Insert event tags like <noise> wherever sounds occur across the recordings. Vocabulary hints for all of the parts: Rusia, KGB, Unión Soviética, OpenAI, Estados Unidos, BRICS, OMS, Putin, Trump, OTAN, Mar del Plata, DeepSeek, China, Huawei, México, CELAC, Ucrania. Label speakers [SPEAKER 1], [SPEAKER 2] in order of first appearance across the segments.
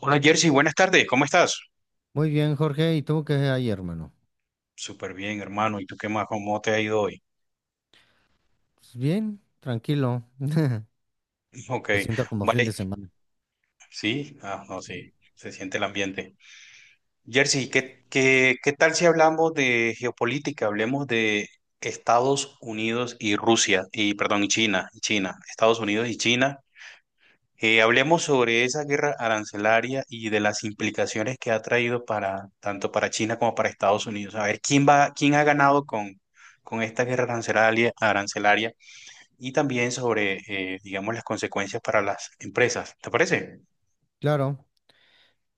[SPEAKER 1] Hola Jersey, buenas tardes, ¿cómo estás?
[SPEAKER 2] Muy bien, Jorge. ¿Y tú qué hay, hermano?
[SPEAKER 1] Súper bien, hermano. ¿Y tú qué más? ¿Cómo te ha ido hoy?
[SPEAKER 2] Pues bien, tranquilo.
[SPEAKER 1] <laughs> Ok,
[SPEAKER 2] Lo siento como fin
[SPEAKER 1] vale.
[SPEAKER 2] de semana.
[SPEAKER 1] Sí, no, sí, se siente el ambiente. Jersey, ¿ qué tal si hablamos de geopolítica? Hablemos de Estados Unidos y Rusia, y perdón, y China, Estados Unidos y China. Hablemos sobre esa guerra arancelaria y de las implicaciones que ha traído para tanto para China como para Estados Unidos. A ver, ¿ quién ha ganado con esta guerra arancelaria, arancelaria? Y también sobre, digamos, las consecuencias para las empresas. ¿Te parece?
[SPEAKER 2] Claro,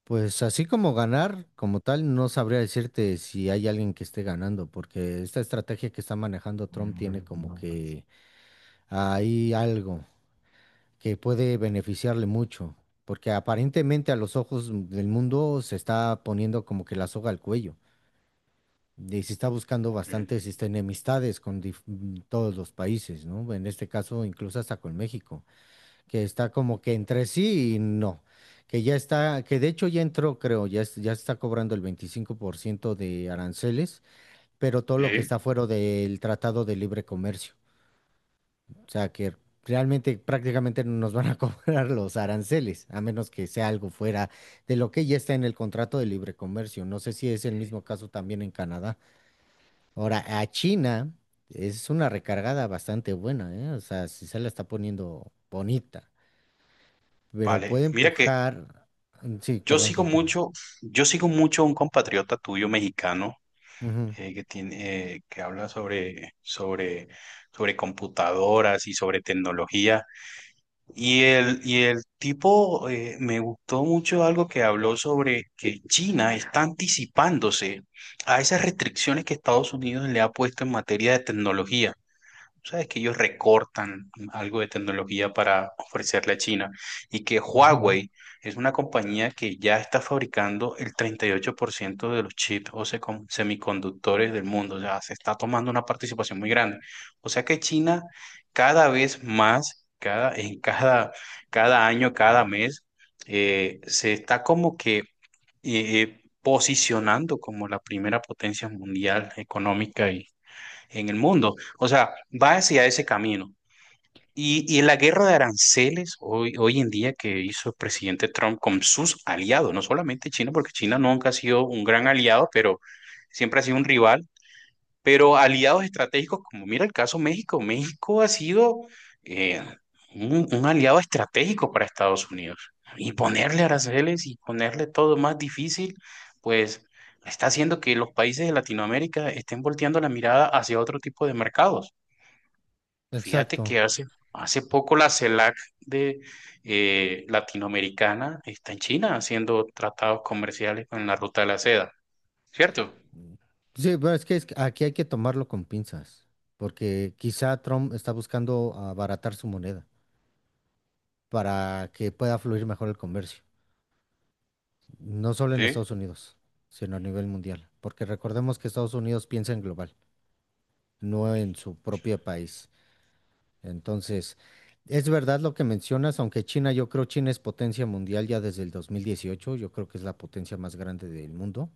[SPEAKER 2] pues así como ganar, como tal, no sabría decirte si hay alguien que esté ganando, porque esta estrategia que está manejando Trump tiene como que hay algo que puede beneficiarle mucho, porque aparentemente a los ojos del mundo se está poniendo como que la soga al cuello. Y se está buscando
[SPEAKER 1] Ok.
[SPEAKER 2] bastantes enemistades con todos los países, ¿no? En este caso, incluso hasta con México, que está como que entre sí y no, que ya está, que de hecho ya entró, creo, ya, ya está cobrando el 25% de aranceles, pero todo lo que
[SPEAKER 1] Sí.
[SPEAKER 2] está fuera del Tratado de Libre Comercio. O sea, que realmente prácticamente no nos van a <laughs> cobrar los aranceles, a menos que sea algo fuera de lo que ya está en el contrato de libre comercio. No sé si es el mismo caso también en Canadá. Ahora, a China es una recargada bastante buena, ¿eh? O sea, si se la está poniendo bonita, pero
[SPEAKER 1] Vale,
[SPEAKER 2] puede
[SPEAKER 1] mira que
[SPEAKER 2] empujar. Sí,
[SPEAKER 1] yo
[SPEAKER 2] perdón,
[SPEAKER 1] sigo
[SPEAKER 2] continúa.
[SPEAKER 1] mucho, yo sigo mucho a un compatriota tuyo mexicano
[SPEAKER 2] Ujú,
[SPEAKER 1] que tiene, que habla sobre computadoras y sobre tecnología. Y el tipo me gustó mucho algo que habló sobre que China está anticipándose a esas restricciones que Estados Unidos le ha puesto en materia de tecnología. Sabes que ellos recortan algo de tecnología para ofrecerle a China y que
[SPEAKER 2] ujú.
[SPEAKER 1] Huawei es una compañía que ya está fabricando el 38% de los chips o semiconductores del mundo, o sea, se está tomando una participación muy grande. O sea que China cada vez más, cada año, cada mes, se está como que posicionando como la primera potencia mundial económica y en el mundo. O sea, va hacia ese camino. Y la guerra de aranceles hoy, hoy en día que hizo el presidente Trump con sus aliados, no solamente China, porque China nunca ha sido un gran aliado, pero siempre ha sido un rival, pero aliados estratégicos, como mira el caso México, México ha sido eh, un aliado estratégico para Estados Unidos. Y ponerle aranceles y ponerle todo más difícil, pues está haciendo que los países de Latinoamérica estén volteando la mirada hacia otro tipo de mercados. Fíjate
[SPEAKER 2] Exacto.
[SPEAKER 1] que hace poco la CELAC de latinoamericana está en China haciendo tratados comerciales con la ruta de la seda, ¿cierto?
[SPEAKER 2] Sí, pero es que aquí hay que tomarlo con pinzas, porque quizá Trump está buscando abaratar su moneda para que pueda fluir mejor el comercio, no solo en
[SPEAKER 1] Sí,
[SPEAKER 2] Estados Unidos, sino a nivel mundial, porque recordemos que Estados Unidos piensa en global, no en su propio país. Entonces, es verdad lo que mencionas, aunque China, yo creo China es potencia mundial ya desde el 2018. Yo creo que es la potencia más grande del mundo.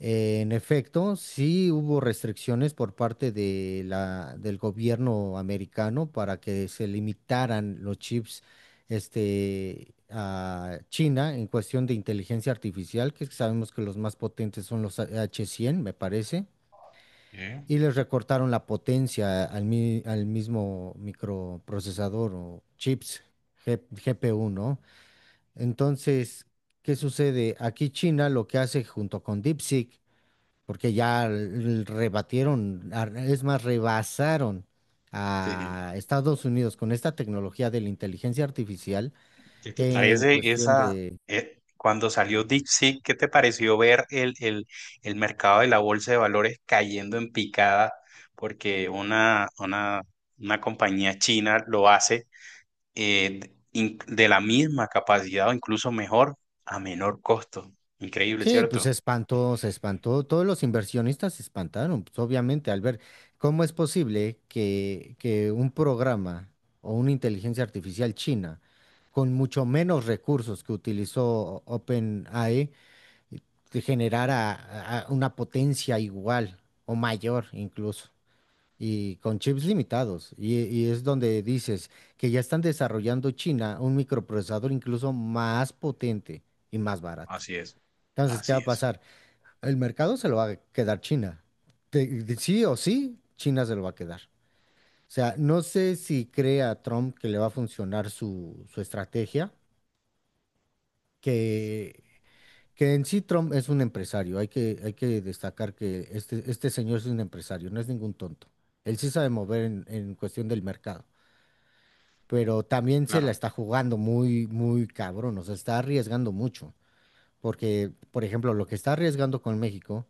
[SPEAKER 2] En efecto, sí hubo restricciones por parte de la, del gobierno americano para que se limitaran los chips a China en cuestión de inteligencia artificial, que sabemos que los más potentes son los H100, me parece.
[SPEAKER 1] sí.
[SPEAKER 2] Y les recortaron la potencia al, al mismo microprocesador o chips GPU, ¿no? Entonces, ¿qué sucede? Aquí China lo que hace junto con DeepSeek, porque ya rebatieron, es más, rebasaron
[SPEAKER 1] Sí.
[SPEAKER 2] a Estados Unidos con esta tecnología de la inteligencia artificial
[SPEAKER 1] ¿Qué te
[SPEAKER 2] en
[SPEAKER 1] parece
[SPEAKER 2] cuestión
[SPEAKER 1] esa,
[SPEAKER 2] de...
[SPEAKER 1] cuando salió DeepSeek, qué te pareció ver el mercado de la bolsa de valores cayendo en picada? Porque una compañía china lo hace de la misma capacidad o incluso mejor a menor costo. Increíble,
[SPEAKER 2] Sí, pues se
[SPEAKER 1] ¿cierto?
[SPEAKER 2] espantó, se espantó. Todos los inversionistas se espantaron, pues obviamente, al ver cómo es posible que un programa o una inteligencia artificial china, con mucho menos recursos que utilizó OpenAI, eh, te generara a una potencia igual o mayor incluso, y con chips limitados. Y es donde dices que ya están desarrollando China un microprocesador incluso más potente y más barato.
[SPEAKER 1] Así es,
[SPEAKER 2] Entonces, ¿qué va
[SPEAKER 1] así
[SPEAKER 2] a
[SPEAKER 1] es.
[SPEAKER 2] pasar? El mercado se lo va a quedar China. Sí o sí, China se lo va a quedar. O sea, no sé si cree a Trump que le va a funcionar su, su estrategia, que, que en sí Trump es un empresario. Hay que destacar que este señor es un empresario, no es ningún tonto. Él sí sabe mover en cuestión del mercado, pero también se
[SPEAKER 1] Claro,
[SPEAKER 2] la está jugando muy, muy cabrón. O sea, está arriesgando mucho. Porque, por ejemplo, lo que está arriesgando con México,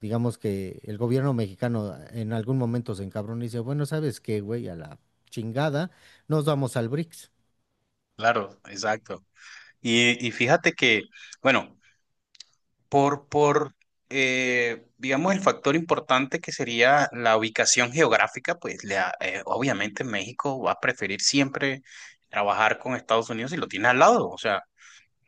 [SPEAKER 2] digamos que el gobierno mexicano en algún momento se encabrona y dice, bueno, ¿sabes qué, güey? A la chingada, nos vamos al BRICS.
[SPEAKER 1] claro, exacto. Y fíjate que, bueno, por digamos, el factor importante que sería la ubicación geográfica, pues obviamente México va a preferir siempre trabajar con Estados Unidos si lo tiene al lado. O sea,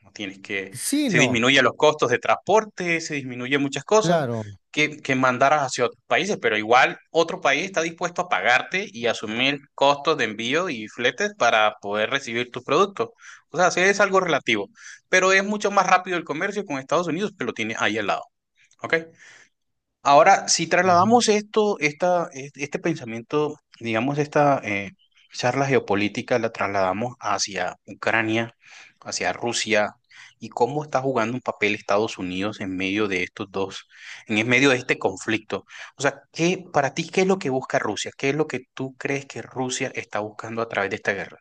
[SPEAKER 1] no tienes que,
[SPEAKER 2] Sí,
[SPEAKER 1] se
[SPEAKER 2] no,
[SPEAKER 1] disminuyen los costos de transporte, se disminuyen muchas cosas
[SPEAKER 2] claro.
[SPEAKER 1] que mandaras hacia otros países, pero igual otro país está dispuesto a pagarte y asumir costos de envío y fletes para poder recibir tus productos. O sea, sí es algo relativo, pero es mucho más rápido el comercio con Estados Unidos que lo tienes ahí al lado. ¿Ok? Ahora, si
[SPEAKER 2] Ujú.
[SPEAKER 1] trasladamos esto, este pensamiento, digamos, esta charla geopolítica, la trasladamos hacia Ucrania, hacia Rusia, y cómo está jugando un papel Estados Unidos en medio de estos dos, en el medio de este conflicto. O sea, ¿ para ti, ¿qué es lo que busca Rusia? ¿Qué es lo que tú crees que Rusia está buscando a través de esta guerra?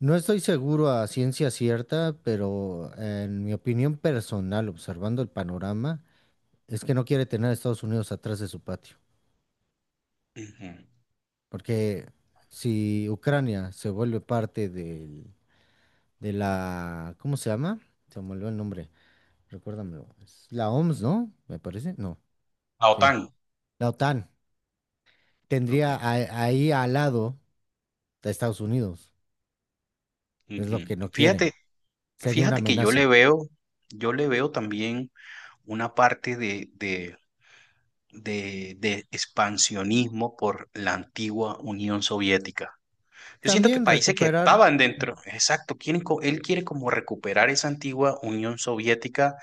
[SPEAKER 2] No estoy seguro a ciencia cierta, pero en mi opinión personal, observando el panorama, es que no quiere tener a Estados Unidos atrás de su patio.
[SPEAKER 1] Ujú.
[SPEAKER 2] Porque si Ucrania se vuelve de la, ¿cómo se llama? Se me olvidó el nombre. Recuérdamelo. Es la OMS, ¿no? Me parece. No,
[SPEAKER 1] La
[SPEAKER 2] sí.
[SPEAKER 1] OTAN.
[SPEAKER 2] La OTAN
[SPEAKER 1] Ok.
[SPEAKER 2] tendría ahí al lado de Estados Unidos. Es lo
[SPEAKER 1] Ujú.
[SPEAKER 2] que no quiere. Sería una
[SPEAKER 1] Fíjate que
[SPEAKER 2] amenaza.
[SPEAKER 1] yo le veo también una parte de expansionismo por la antigua Unión Soviética. Yo siento que
[SPEAKER 2] También
[SPEAKER 1] países que
[SPEAKER 2] recuperar.
[SPEAKER 1] estaban dentro, exacto, quieren él quiere como recuperar esa antigua Unión Soviética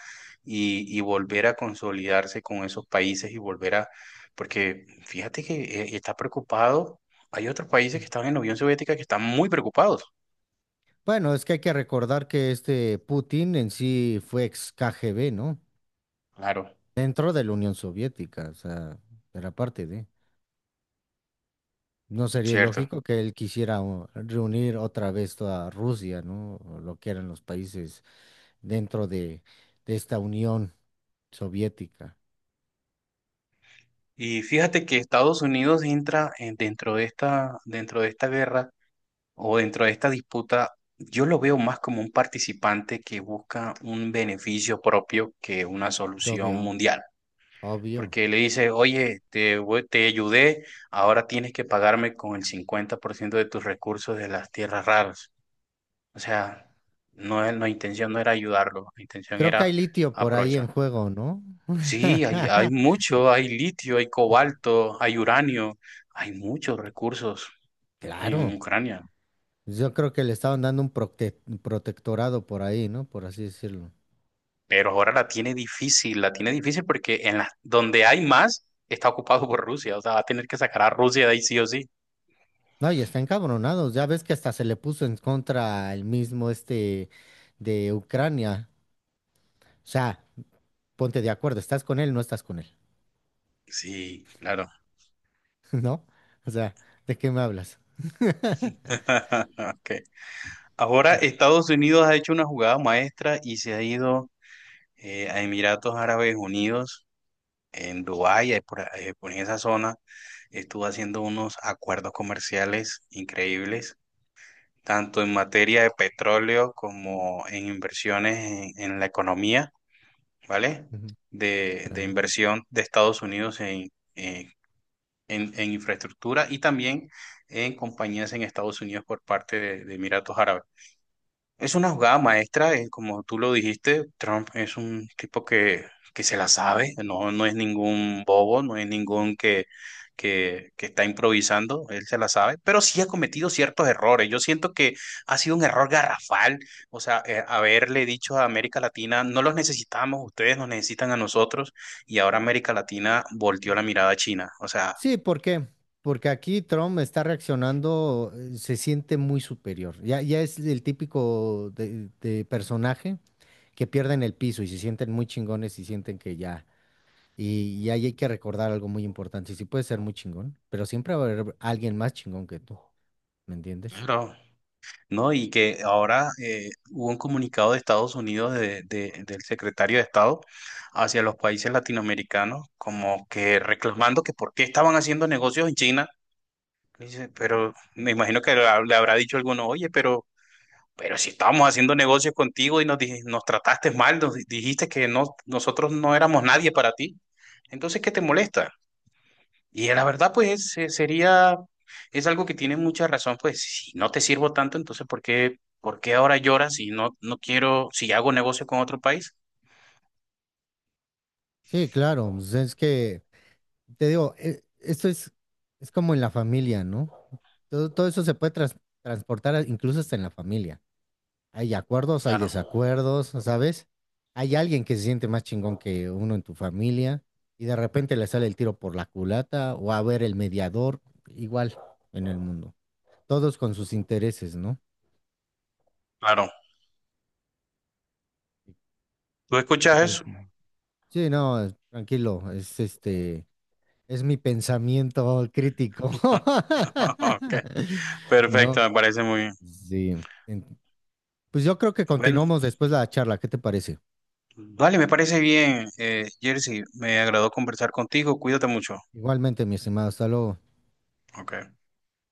[SPEAKER 1] y volver a consolidarse con esos países y volver a, porque fíjate que está preocupado, hay otros países que estaban en la Unión Soviética que están muy preocupados.
[SPEAKER 2] Bueno, es que hay que recordar que este Putin en sí fue ex KGB, ¿no?
[SPEAKER 1] Claro,
[SPEAKER 2] Dentro de la Unión Soviética, o sea, era parte de. No sería
[SPEAKER 1] cierto.
[SPEAKER 2] ilógico que él quisiera reunir otra vez toda Rusia, ¿no? O lo que eran los países dentro de esta unión soviética.
[SPEAKER 1] Y fíjate que Estados Unidos dentro de esta guerra o dentro de esta disputa, yo lo veo más como un participante que busca un beneficio propio que una solución
[SPEAKER 2] Obvio,
[SPEAKER 1] mundial.
[SPEAKER 2] obvio.
[SPEAKER 1] Porque le dice, oye, te ayudé, ahora tienes que pagarme con el 50% de tus recursos de las tierras raras. O sea, no, la intención no era ayudarlo, la intención
[SPEAKER 2] Creo que
[SPEAKER 1] era
[SPEAKER 2] hay litio por ahí en
[SPEAKER 1] aprovechar.
[SPEAKER 2] juego, ¿no?
[SPEAKER 1] Sí, hay
[SPEAKER 2] <laughs>
[SPEAKER 1] mucho, hay litio, hay cobalto, hay uranio, hay muchos recursos en
[SPEAKER 2] Claro.
[SPEAKER 1] Ucrania.
[SPEAKER 2] Yo creo que le estaban dando un protectorado por ahí, ¿no? Por así decirlo.
[SPEAKER 1] Pero ahora la tiene difícil porque en la, donde hay más está ocupado por Rusia, o sea, va a tener que sacar a Rusia de ahí sí o sí.
[SPEAKER 2] No, y está encabronado. Ya ves que hasta se le puso en contra el mismo este de Ucrania. O sea, ponte de acuerdo, ¿estás con él o no estás con él?
[SPEAKER 1] Sí, claro.
[SPEAKER 2] <laughs> ¿No? O sea, ¿de qué me hablas?
[SPEAKER 1] <laughs> Okay. Ahora Estados Unidos ha hecho una jugada maestra y se ha ido a Emiratos Árabes Unidos, en Dubái, ahí por esa zona, estuvo haciendo unos acuerdos comerciales increíbles, tanto en materia de petróleo como en inversiones en la economía. ¿Vale?
[SPEAKER 2] Ujú.
[SPEAKER 1] De
[SPEAKER 2] Claro.
[SPEAKER 1] inversión de Estados Unidos eh, en infraestructura y también en compañías en Estados Unidos por parte de Emiratos Árabes. Es una jugada maestra, como tú lo dijiste, Trump es un tipo que se la sabe, no, no es ningún bobo, no es ningún que, que está improvisando, él se la sabe, pero sí ha cometido ciertos errores. Yo siento que ha sido un error garrafal, o sea, haberle dicho a América Latina, no los necesitamos, ustedes nos necesitan a nosotros, y ahora América Latina volteó la mirada a China. O sea,
[SPEAKER 2] Sí, ¿por qué? Porque aquí Trump está reaccionando, se siente muy superior. Ya, ya es el típico de personaje que pierden el piso y se sienten muy chingones y sienten que ya. Y ahí hay que recordar algo muy importante. Sí, sí puedes ser muy chingón, pero siempre va a haber alguien más chingón que tú. ¿Me entiendes?
[SPEAKER 1] bro, no, y que ahora hubo un comunicado de Estados Unidos del secretario de Estado hacia los países latinoamericanos, como que reclamando que por qué estaban haciendo negocios en China. Dice, pero me imagino que le habrá dicho alguno, oye, pero si estábamos haciendo negocios contigo y nos trataste mal, dijiste que no, nosotros no éramos nadie para ti, entonces, ¿qué te molesta? Y la verdad, pues es algo que tiene mucha razón, pues si no te sirvo tanto, entonces ¿ por qué ahora lloras si no, no quiero, si hago negocio con otro país?
[SPEAKER 2] Sí, claro. Pues es que, te digo, esto es como en la familia, ¿no? Todo, todo eso se puede transportar incluso hasta en la familia. Hay acuerdos, hay
[SPEAKER 1] Claro,
[SPEAKER 2] desacuerdos, ¿sabes? Hay alguien que se siente más chingón que uno en tu familia y de repente le sale el tiro por la culata o a ver el mediador, igual en el mundo. Todos con sus intereses, ¿no?
[SPEAKER 1] claro. ¿Tú
[SPEAKER 2] ¿Tú
[SPEAKER 1] escuchas
[SPEAKER 2] qué
[SPEAKER 1] eso?
[SPEAKER 2] opinas? Sí, no, tranquilo, es es mi pensamiento crítico.
[SPEAKER 1] <laughs> Ok,
[SPEAKER 2] <laughs>
[SPEAKER 1] perfecto,
[SPEAKER 2] ¿No?
[SPEAKER 1] me parece muy bien.
[SPEAKER 2] Sí. En... Pues yo creo que
[SPEAKER 1] Bueno,
[SPEAKER 2] continuamos después la charla, ¿qué te parece?
[SPEAKER 1] vale, me parece bien, Jersey, me agradó conversar contigo, cuídate mucho.
[SPEAKER 2] Igualmente, mi estimado, hasta luego.
[SPEAKER 1] Ok.